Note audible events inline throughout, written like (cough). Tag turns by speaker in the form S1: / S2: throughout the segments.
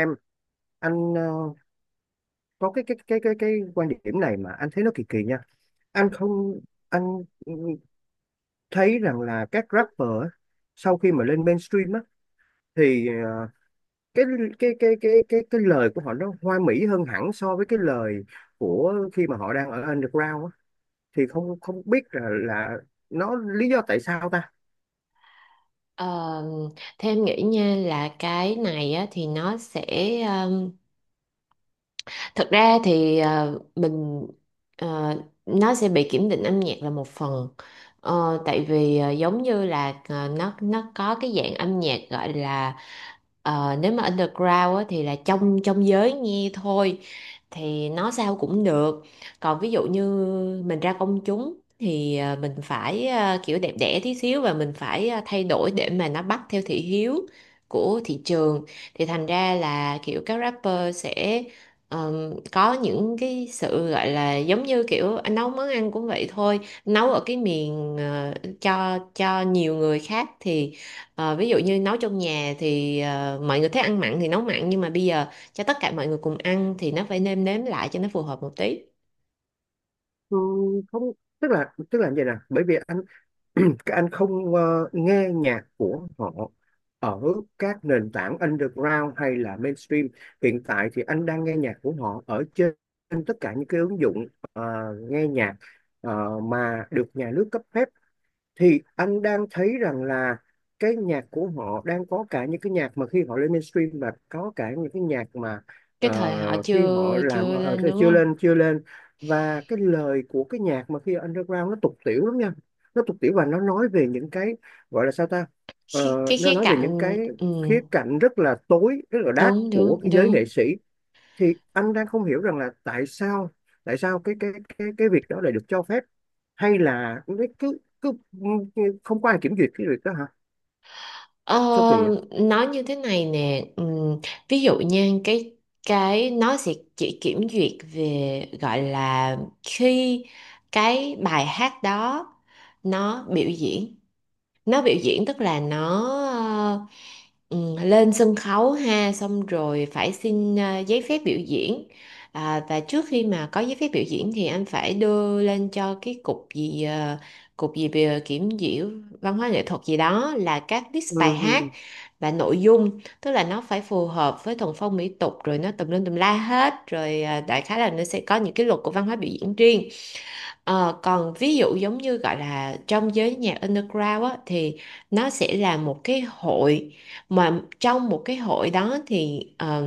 S1: Em anh, có cái quan điểm này mà anh thấy nó kỳ kỳ nha. Anh không, anh ừ, thấy rằng là các rapper á, sau khi mà lên mainstream á thì cái cái lời của họ nó hoa mỹ hơn hẳn so với cái lời của khi mà họ đang ở underground á, thì không không biết là nó lý do tại sao ta.
S2: Ờ, theo em nghĩ nha là cái này á, thì ờ, Thật ra thì ờ, nó sẽ bị kiểm định âm nhạc là một phần. Ờ, tại vì giống như là nó có cái dạng âm nhạc gọi là nếu mà underground á, thì là trong trong giới nghe thôi, thì nó sao cũng được. Còn ví dụ như mình ra công chúng thì mình phải kiểu đẹp đẽ tí xíu, và mình phải thay đổi để mà nó bắt theo thị hiếu của thị trường. Thì thành ra là kiểu các rapper sẽ có những cái sự gọi là giống như kiểu anh nấu món ăn cũng vậy thôi. Nấu ở cái miền cho nhiều người khác thì ví dụ như nấu trong nhà thì mọi người thích ăn mặn thì nấu mặn, nhưng mà bây giờ cho tất cả mọi người cùng ăn thì nó phải nêm nếm lại cho nó phù hợp một tí.
S1: Ừ, không, tức là như vậy nè, bởi vì anh (clears throat) các anh không nghe nhạc của họ ở các nền tảng underground hay là mainstream hiện tại. Thì anh đang nghe nhạc của họ ở trên tất cả những cái ứng dụng ờ, nghe nhạc mà được nhà nước cấp phép. Thì anh đang thấy rằng là cái nhạc của họ đang có cả những cái nhạc mà khi họ lên mainstream, và có cả những cái nhạc mà ờ,
S2: Cái thời họ
S1: khi họ
S2: chưa
S1: làm
S2: chưa lên đúng
S1: chưa
S2: không?
S1: lên chưa lên. Và cái lời của cái nhạc mà khi underground nó tục tiểu lắm nha. Nó tục tiểu và nó nói về những cái gọi là sao ta. Ờ,
S2: Cái
S1: nó
S2: khía
S1: nói về những
S2: cạnh
S1: cái
S2: ừ,
S1: khía cạnh rất là tối, rất là dark
S2: đúng
S1: của
S2: đúng
S1: cái giới
S2: đúng.
S1: nghệ sĩ. Thì anh đang không hiểu rằng là tại sao, tại sao cái cái cái việc đó lại được cho phép, hay là cái- cứ cứ không có ai kiểm duyệt cái việc đó hả.
S2: Ờ,
S1: Sao kỳ vậy.
S2: nói như thế này nè, ví dụ nha, cái nó sẽ chỉ kiểm duyệt về gọi là khi cái bài hát đó nó biểu diễn, nó biểu diễn tức là nó ừ, lên sân khấu ha, xong rồi phải xin giấy phép biểu diễn. À, và trước khi mà có giấy phép biểu diễn thì anh phải đưa lên cho cái cục gì cục gì về kiểm duyệt văn hóa nghệ thuật gì đó là các list
S1: Ừ,
S2: bài hát
S1: ừ,
S2: và nội dung, tức là nó phải phù hợp với thuần phong mỹ tục rồi nó tùm lum tùm la hết rồi. Ờ, Đại khái là nó sẽ có những cái luật của văn hóa biểu diễn riêng. Ờ, còn ví dụ giống như gọi là trong giới nhạc underground á, thì nó sẽ là một cái hội, mà trong một cái hội đó thì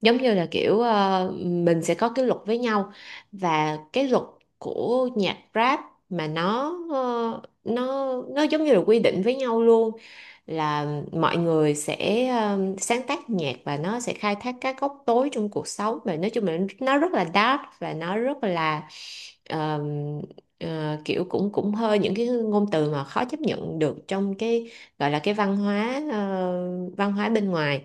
S2: giống như là kiểu mình sẽ có cái luật với nhau, và cái luật của nhạc rap mà nó giống như là quy định với nhau luôn, là mọi người sẽ sáng tác nhạc và nó sẽ khai thác các góc tối trong cuộc sống, và nói chung là nó rất là dark và nó rất là um, kiểu cũng cũng hơi những cái ngôn từ mà khó chấp nhận được trong cái gọi là cái văn hóa văn hóa bên ngoài.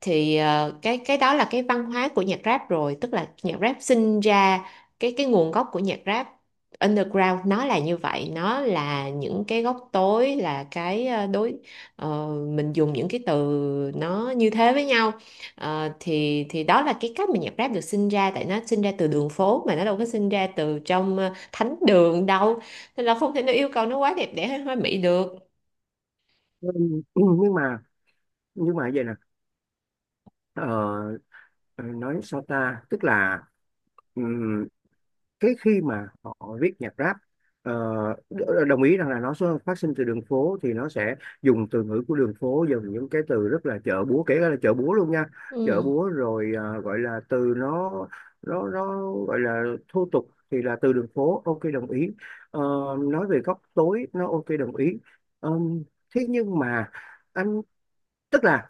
S2: Thì cái đó là cái văn hóa của nhạc rap rồi, tức là nhạc rap sinh ra, cái nguồn gốc của nhạc rap underground nó là như vậy, nó là những cái góc tối, là cái mình dùng những cái từ nó như thế với nhau. Ờ, thì đó là cái cách mà nhạc rap được sinh ra, tại nó sinh ra từ đường phố mà, nó đâu có sinh ra từ trong thánh đường đâu, nên là không thể nào yêu cầu nó quá đẹp đẽ hay hoa mỹ được.
S1: ừ, ừ, ừ, nhưng mà vậy nè, ờ, nói sao ta, tức là ừ, thế khi mà họ viết nhạc rap, ờ, đồng ý rằng là nó phát sinh từ đường phố, thì nó sẽ dùng từ ngữ của đường phố, dùng những cái từ rất là chợ búa, kể cả là chợ búa luôn nha. Chợ
S2: Ừ,
S1: búa, rồi gọi là từ nó gọi là thô tục, thì là từ đường phố, ok, đồng ý. Ờ, nói về góc tối nó ok, đồng ý. Ờm, Thế nhưng mà anh, tức là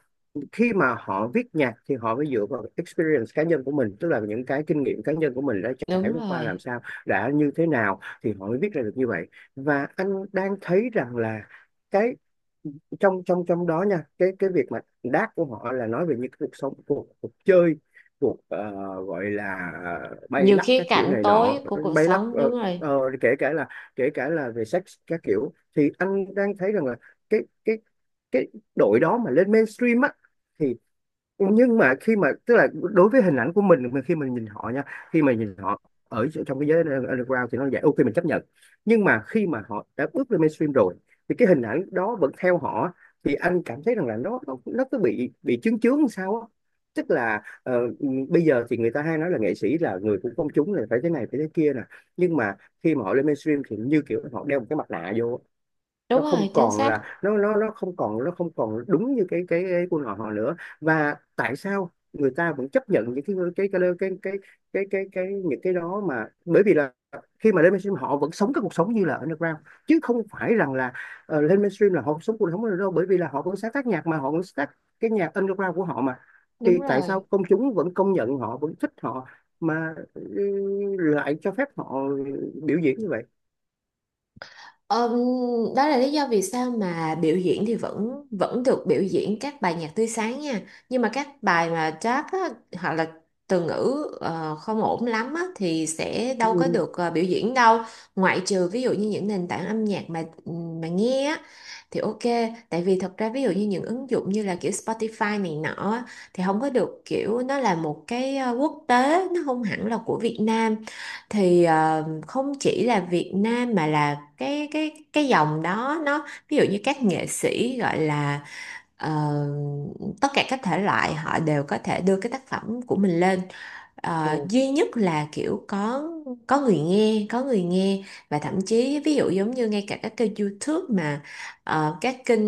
S1: khi mà họ viết nhạc thì họ phải dựa vào experience cá nhân của mình, tức là những cái kinh nghiệm cá nhân của mình đã trải
S2: đúng
S1: qua
S2: rồi.
S1: làm sao, đã như thế nào, thì họ mới viết ra được như vậy. Và anh đang thấy rằng là cái trong trong trong đó nha, cái việc mà đát của họ là nói về những cái cuộc sống, cuộc chơi, cuộc gọi là bay
S2: Nhiều
S1: lắc
S2: khía
S1: các kiểu
S2: cạnh
S1: này nọ.
S2: tối của cuộc
S1: Bay lắc,
S2: sống, đúng rồi.
S1: kể cả là về sex các kiểu. Thì anh đang thấy rằng là cái cái cái đội đó mà lên mainstream á thì, nhưng mà khi mà, tức là đối với hình ảnh của mình, khi mình nhìn họ nha, khi mà nhìn họ ở trong cái giới underground thì nó vậy, ok mình chấp nhận. Nhưng mà khi mà họ đã bước lên mainstream rồi thì cái hình ảnh đó vẫn theo họ, thì anh cảm thấy rằng là nó cứ bị chướng chướng làm sao á. Tức là bây giờ thì người ta hay nói là nghệ sĩ là người của công chúng, là phải thế này phải thế kia nè. Nhưng mà khi mà họ lên mainstream thì như kiểu họ đeo một cái mặt nạ vô á.
S2: Đúng
S1: Nó
S2: rồi,
S1: không
S2: chính
S1: còn
S2: xác,
S1: là nó không còn đúng như cái quân họ họ nữa. Và tại sao người ta vẫn chấp nhận những cái cái, những cái đó mà. Bởi vì là khi mà lên mainstream họ vẫn sống cái cuộc sống như là underground, chứ không phải rằng là lên mainstream là họ sống cuộc sống đâu, bởi vì là họ vẫn sáng tác nhạc mà, họ vẫn sáng tác cái nhạc underground của họ mà.
S2: đúng
S1: Thì tại
S2: rồi.
S1: sao công chúng vẫn công nhận họ, vẫn thích họ mà lại cho phép họ biểu diễn như vậy.
S2: Ờ, đó là lý do vì sao mà biểu diễn thì vẫn vẫn được biểu diễn các bài nhạc tươi sáng nha. Nhưng mà các bài mà jazz á, hoặc là từ ngữ không ổn lắm á, thì sẽ
S1: Ừ.
S2: đâu có được biểu diễn đâu. Ngoại trừ ví dụ như những nền tảng âm nhạc mà ừ, mà nghe á, thì ok. Tại vì thật ra ví dụ như những ứng dụng như là kiểu Spotify này nọ á, thì không có được, kiểu nó là một cái quốc tế, nó không hẳn là của Việt Nam. Thì không chỉ là Việt Nam mà là cái dòng đó, nó ví dụ như các nghệ sĩ gọi là ờ, tất cả các thể loại họ đều có thể đưa cái tác phẩm của mình lên. Ờ,
S1: Ừ.
S2: duy nhất là kiểu có người nghe, có người nghe. Và thậm chí ví dụ giống như ngay cả các kênh YouTube mà các kênh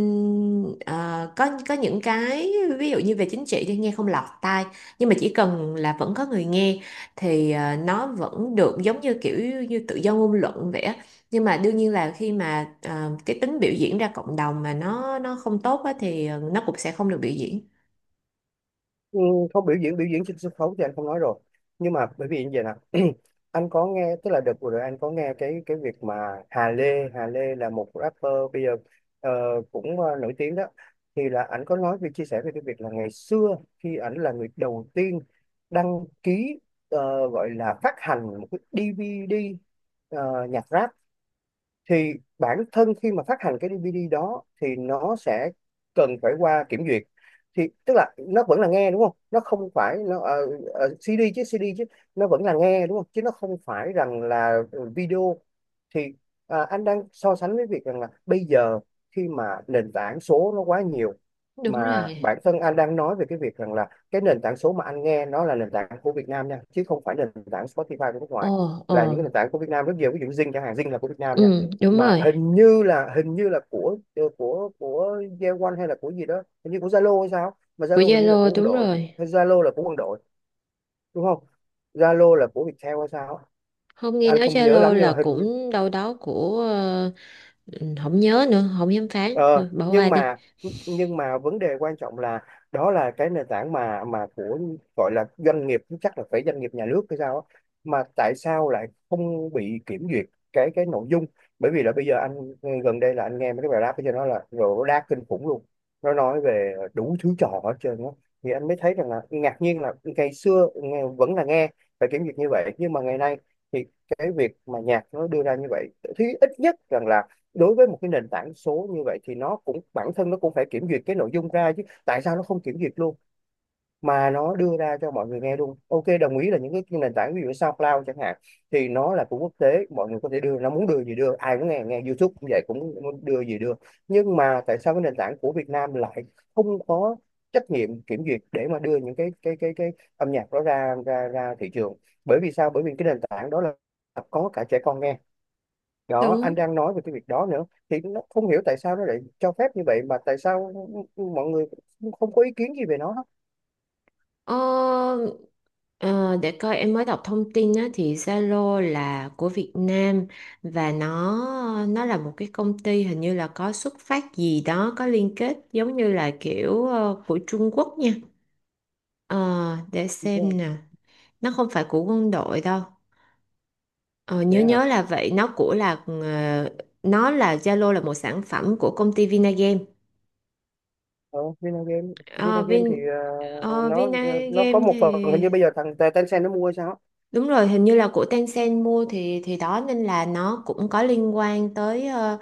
S2: có những cái ví dụ như về chính trị thì nghe không lọt tai, nhưng mà chỉ cần là vẫn có người nghe thì nó vẫn được, giống như kiểu như tự do ngôn luận vậy á. Nhưng mà đương nhiên là khi mà cái tính biểu diễn ra cộng đồng mà nó không tốt á thì nó cũng sẽ không được biểu diễn.
S1: Ừ, không, biểu diễn trên sân khấu thì anh không nói rồi. Nhưng mà bởi vì như vậy nè, (clears throat) anh có nghe, tức là đợt vừa rồi anh có nghe cái việc mà Hà Lê, là một rapper bây giờ ờ, cũng nổi tiếng đó. Thì là anh có nói về, chia sẻ về cái việc là ngày xưa khi ảnh là người đầu tiên đăng ký gọi là phát hành một cái DVD nhạc rap, thì bản thân khi mà phát hành cái DVD đó thì nó sẽ cần phải qua kiểm duyệt. Thì tức là nó vẫn là nghe đúng không, nó không phải nó CD chứ, CD chứ, nó vẫn là nghe đúng không chứ, nó không phải rằng là video. Thì à, anh đang so sánh với việc rằng là bây giờ khi mà nền tảng số nó quá nhiều,
S2: Đúng
S1: mà
S2: rồi.
S1: bản thân anh đang nói về cái việc rằng là cái nền tảng số mà anh nghe, nó là nền tảng của Việt Nam nha, chứ không phải nền tảng Spotify của nước
S2: Ồ,
S1: ngoài,
S2: ồ,
S1: là những cái nền tảng của Việt Nam rất nhiều, ví dụ Zing chẳng hạn. Zing là của Việt Nam nha,
S2: ừ, đúng
S1: mà
S2: rồi.
S1: hình như là của của Yeowon hay là của gì đó, hình như của Zalo hay sao, mà
S2: Của
S1: Zalo hình như là
S2: Zalo,
S1: của quân
S2: đúng
S1: đội,
S2: rồi.
S1: hay Zalo là của quân đội đúng không. Zalo là của Viettel hay sao á,
S2: Không, nghe
S1: anh
S2: nói
S1: không nhớ
S2: Zalo
S1: lắm nhưng
S2: là
S1: mà hình.
S2: cũng đâu đó của ừ, không nhớ nữa, không dám phán.
S1: Ờ,
S2: Thôi, bỏ qua
S1: nhưng
S2: đi.
S1: mà vấn đề quan trọng là đó là cái nền tảng mà của gọi là doanh nghiệp, chắc là phải doanh nghiệp nhà nước hay sao á, mà tại sao lại không bị kiểm duyệt cái nội dung. Bởi vì là bây giờ anh, gần đây là anh nghe mấy cái bài rap cho nó là rồi, rap kinh khủng luôn, nó nói về đủ thứ trò hết trơn á. Thì anh mới thấy rằng là ngạc nhiên là ngày xưa nghe, vẫn là nghe phải kiểm duyệt như vậy, nhưng mà ngày nay thì cái việc mà nhạc nó đưa ra như vậy, thì ít nhất rằng là đối với một cái nền tảng số như vậy thì nó cũng, bản thân nó cũng phải kiểm duyệt cái nội dung ra chứ, tại sao nó không kiểm duyệt luôn mà nó đưa ra cho mọi người nghe luôn. Ok đồng ý là những cái nền tảng ví dụ như SoundCloud chẳng hạn thì nó là của quốc tế, mọi người có thể đưa, nó muốn đưa gì đưa, ai cũng nghe, nghe YouTube cũng vậy cũng muốn đưa gì đưa. Nhưng mà tại sao cái nền tảng của Việt Nam lại không có trách nhiệm kiểm duyệt để mà đưa những cái cái âm nhạc đó ra ra ra thị trường. Bởi vì sao, bởi vì cái nền tảng đó là có cả trẻ con nghe. Đó anh
S2: Đúng.
S1: đang nói về cái việc đó nữa, thì nó không hiểu tại sao nó lại cho phép như vậy, mà tại sao mọi người cũng không có ý kiến gì về nó hết.
S2: Ờ, ờ, để coi, em mới đọc thông tin á, thì Zalo là của Việt Nam, và nó là một cái công ty hình như là có xuất phát gì đó, có liên kết giống như là kiểu của Trung Quốc nha. Ờ, để xem
S1: Vâng.
S2: nè, nó không phải của quân đội đâu. Ờ, nhớ
S1: Vậy hả.
S2: nhớ là vậy, nó là, Zalo là một sản phẩm của công ty Vinagame.
S1: Ờ, Vinagame,
S2: Ờ,
S1: Vinagame thì nó nó có
S2: Vinagame
S1: một phần hình như
S2: thì
S1: bây giờ thằng Tencent nó mua hay sao á.
S2: đúng rồi, hình như là của Tencent mua, thì đó nên là nó cũng có liên quan tới ờ,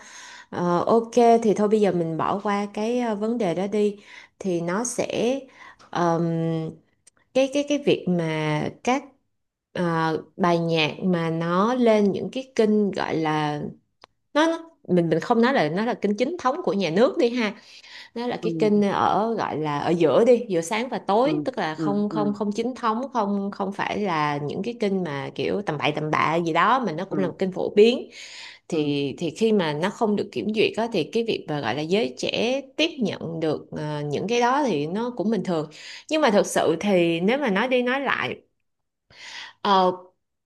S2: ờ, ok. Thì thôi bây giờ mình bỏ qua cái vấn đề đó đi. Thì nó sẽ ờm, cái việc mà các bài nhạc mà nó lên những cái kênh gọi là mình không nói là nó là kênh chính thống của nhà nước đi ha, nó là cái kênh
S1: Ừ,
S2: ở gọi là ở giữa đi, giữa sáng và
S1: ừ,
S2: tối, tức là
S1: ừ,
S2: không không
S1: ừ,
S2: không chính thống, không không phải là những cái kênh mà kiểu tầm bậy tầm bạ gì đó, mà nó cũng là
S1: ừ,
S2: một kênh phổ biến.
S1: ừ.
S2: Thì khi mà nó không được kiểm duyệt á, thì cái việc mà gọi là giới trẻ tiếp nhận được những cái đó thì nó cũng bình thường. Nhưng mà thực sự thì nếu mà nói đi nói lại, ờ,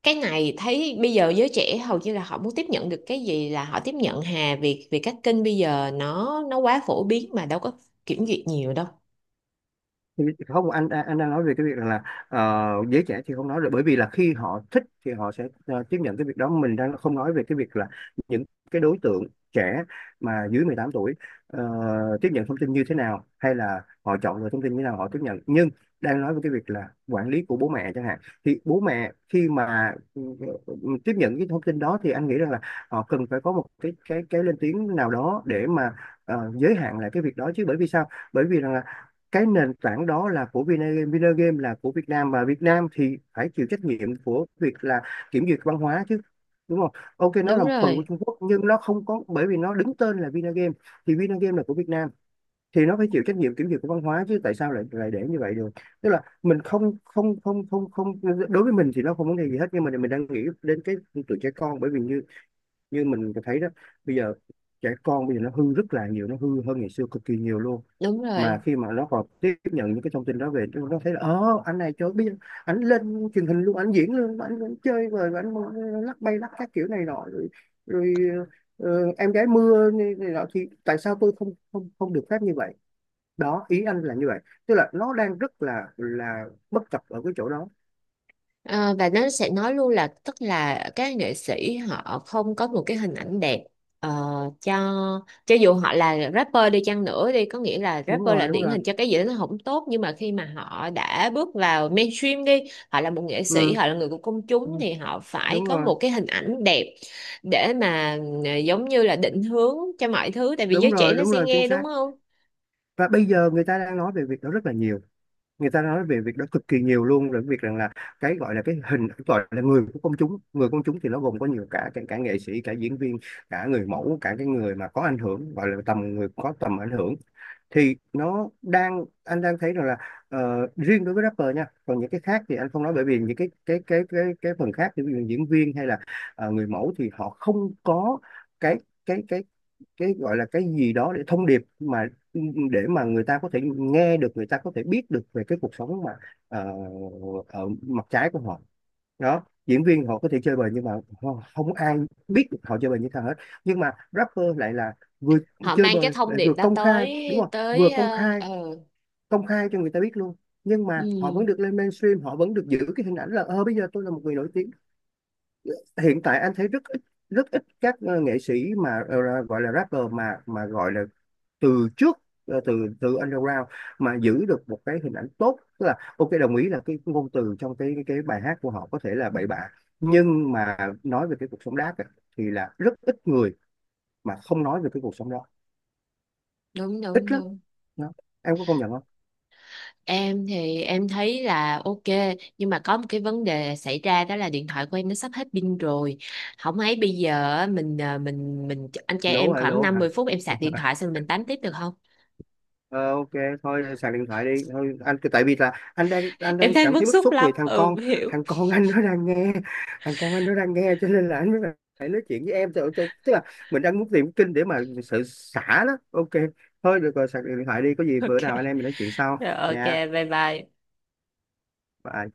S2: cái này thấy bây giờ giới trẻ hầu như là họ muốn tiếp nhận được cái gì là họ tiếp nhận hà, vì vì các kênh bây giờ nó quá phổ biến mà đâu có kiểm duyệt nhiều đâu.
S1: Không, anh đang nói về cái việc rằng là giới trẻ thì không nói rồi, bởi vì là khi họ thích thì họ sẽ tiếp nhận cái việc đó. Mình đang không nói về cái việc là những cái đối tượng trẻ mà dưới 18 tuổi ờ, tiếp nhận thông tin như thế nào, hay là họ chọn lựa thông tin như thế nào họ tiếp nhận, nhưng đang nói về cái việc là quản lý của bố mẹ chẳng hạn. Thì bố mẹ khi mà ừ, tiếp nhận cái thông tin đó thì anh nghĩ rằng là họ cần phải có một cái cái lên tiếng nào đó để mà giới hạn lại cái việc đó chứ. Bởi vì sao, bởi vì rằng cái nền tảng đó là của Vinagame, Vinagame là của Việt Nam, và Việt Nam thì phải chịu trách nhiệm của việc là kiểm duyệt văn hóa chứ, đúng không? Ok nó
S2: Đúng
S1: là một phần của
S2: rồi,
S1: Trung Quốc nhưng nó không có, bởi vì nó đứng tên là Vinagame, thì Vinagame là của Việt Nam thì nó phải chịu trách nhiệm kiểm duyệt của văn hóa chứ, tại sao lại lại để như vậy được? Tức là mình không không không không không đối với mình thì nó không vấn đề gì hết, nhưng mà mình đang nghĩ đến cái tụi trẻ con. Bởi vì như như mình thấy đó, bây giờ trẻ con bây giờ nó hư rất là nhiều, nó hư hơn ngày xưa cực kỳ nhiều luôn.
S2: đúng
S1: Mà
S2: rồi.
S1: khi mà nó còn tiếp nhận những cái thông tin đó về, nó thấy là anh này trời biết, anh lên truyền hình luôn, anh diễn luôn anh chơi rồi anh lắc bay lắc các kiểu này nọ rồi, rồi ờ, em gái mưa này, này nọ, thì tại sao tôi không không không được phép như vậy? Đó, ý anh là như vậy. Tức là nó đang rất là bất cập ở cái chỗ đó.
S2: Ờ, và nó sẽ nói luôn là tức là các nghệ sĩ họ không có một cái hình ảnh đẹp, ờ, cho cho dù họ là rapper đi chăng nữa đi, có nghĩa là
S1: Đúng
S2: rapper là
S1: rồi, đúng
S2: điển
S1: rồi.
S2: hình cho cái gì đó nó không tốt, nhưng mà khi mà họ đã bước vào mainstream đi, họ là một nghệ sĩ,
S1: Ừ,
S2: họ là người của công
S1: ừ,
S2: chúng thì họ phải
S1: đúng
S2: có
S1: rồi.
S2: một cái hình ảnh đẹp để mà giống như là định hướng cho mọi thứ, tại vì
S1: Đúng
S2: giới trẻ
S1: rồi,
S2: nó
S1: đúng
S2: sẽ
S1: rồi, chính
S2: nghe đúng
S1: xác.
S2: không?
S1: Và bây giờ người ta đang nói về việc đó rất là nhiều, người ta nói về việc đó cực kỳ nhiều luôn. Rồi việc rằng là cái gọi là cái hình, gọi là người của công chúng, người công chúng thì nó gồm có nhiều, cả cả, cả nghệ sĩ, cả diễn viên, cả người mẫu, cả cái người mà có ảnh hưởng, gọi là tầm người có tầm ảnh hưởng. Thì nó đang, anh đang thấy rằng là ờ, riêng đối với rapper nha, còn những cái khác thì anh không nói. Bởi vì những cái phần khác thì ví dụ diễn viên hay là người mẫu thì họ không có cái cái cái cái gọi là cái gì đó để thông điệp, mà để mà người ta có thể nghe được, người ta có thể biết được về cái cuộc sống mà ờ, ở mặt trái của họ. Đó, diễn viên họ có thể chơi bời, nhưng mà không ai biết được họ chơi bời như thế nào hết. Nhưng mà rapper lại là vừa
S2: Họ
S1: chơi
S2: mang cái
S1: bời
S2: thông
S1: lại
S2: điệp
S1: vừa
S2: đó
S1: công
S2: tới,
S1: khai, đúng không, vừa
S2: tới
S1: công khai, công khai cho người ta biết luôn. Nhưng mà họ
S2: ừ,
S1: vẫn được lên mainstream, họ vẫn được giữ cái hình ảnh là ờ bây giờ tôi là một người nổi tiếng. Hiện tại anh thấy rất ít, rất ít các nghệ sĩ mà gọi là rapper mà gọi là từ trước, từ từ underground mà giữ được một cái hình ảnh tốt. Tức là ok, đồng ý là cái ngôn từ trong cái bài hát của họ có thể là bậy bạ, nhưng mà nói về cái cuộc sống đáp á, thì là rất ít người mà không nói về cái cuộc sống đó.
S2: đúng đúng
S1: Ít lắm
S2: đúng.
S1: đó. Em có công nhận không?
S2: Em thì em thấy là ok, nhưng mà có một cái vấn đề xảy ra, đó là điện thoại của em nó sắp hết pin rồi. Không ấy bây giờ á, mình anh trai
S1: Lố
S2: em
S1: hả?
S2: khoảng
S1: Lố
S2: 50
S1: hả?
S2: phút em sạc điện thoại xong mình tám tiếp được không?
S1: Ờ, ok, thôi sạc điện thoại đi thôi anh. Tại vì là anh đang, anh
S2: (laughs) Em
S1: đang
S2: thấy
S1: cảm thấy
S2: bức
S1: bức
S2: xúc
S1: xúc
S2: lắm.
S1: vì thằng
S2: Ừ
S1: con,
S2: (laughs) hiểu.
S1: thằng con anh nó đang nghe, thằng con anh nó đang nghe cho nên là anh mới phải nói chuyện với em. Tức tức- tức là mình đang muốn tìm kinh để mà sự xả đó. Ok, thôi được rồi, sạc điện thoại đi, có gì bữa
S2: Ok.
S1: nào anh em mình nói chuyện sau
S2: Rồi, ok,
S1: nha.
S2: bye bye.
S1: Bye.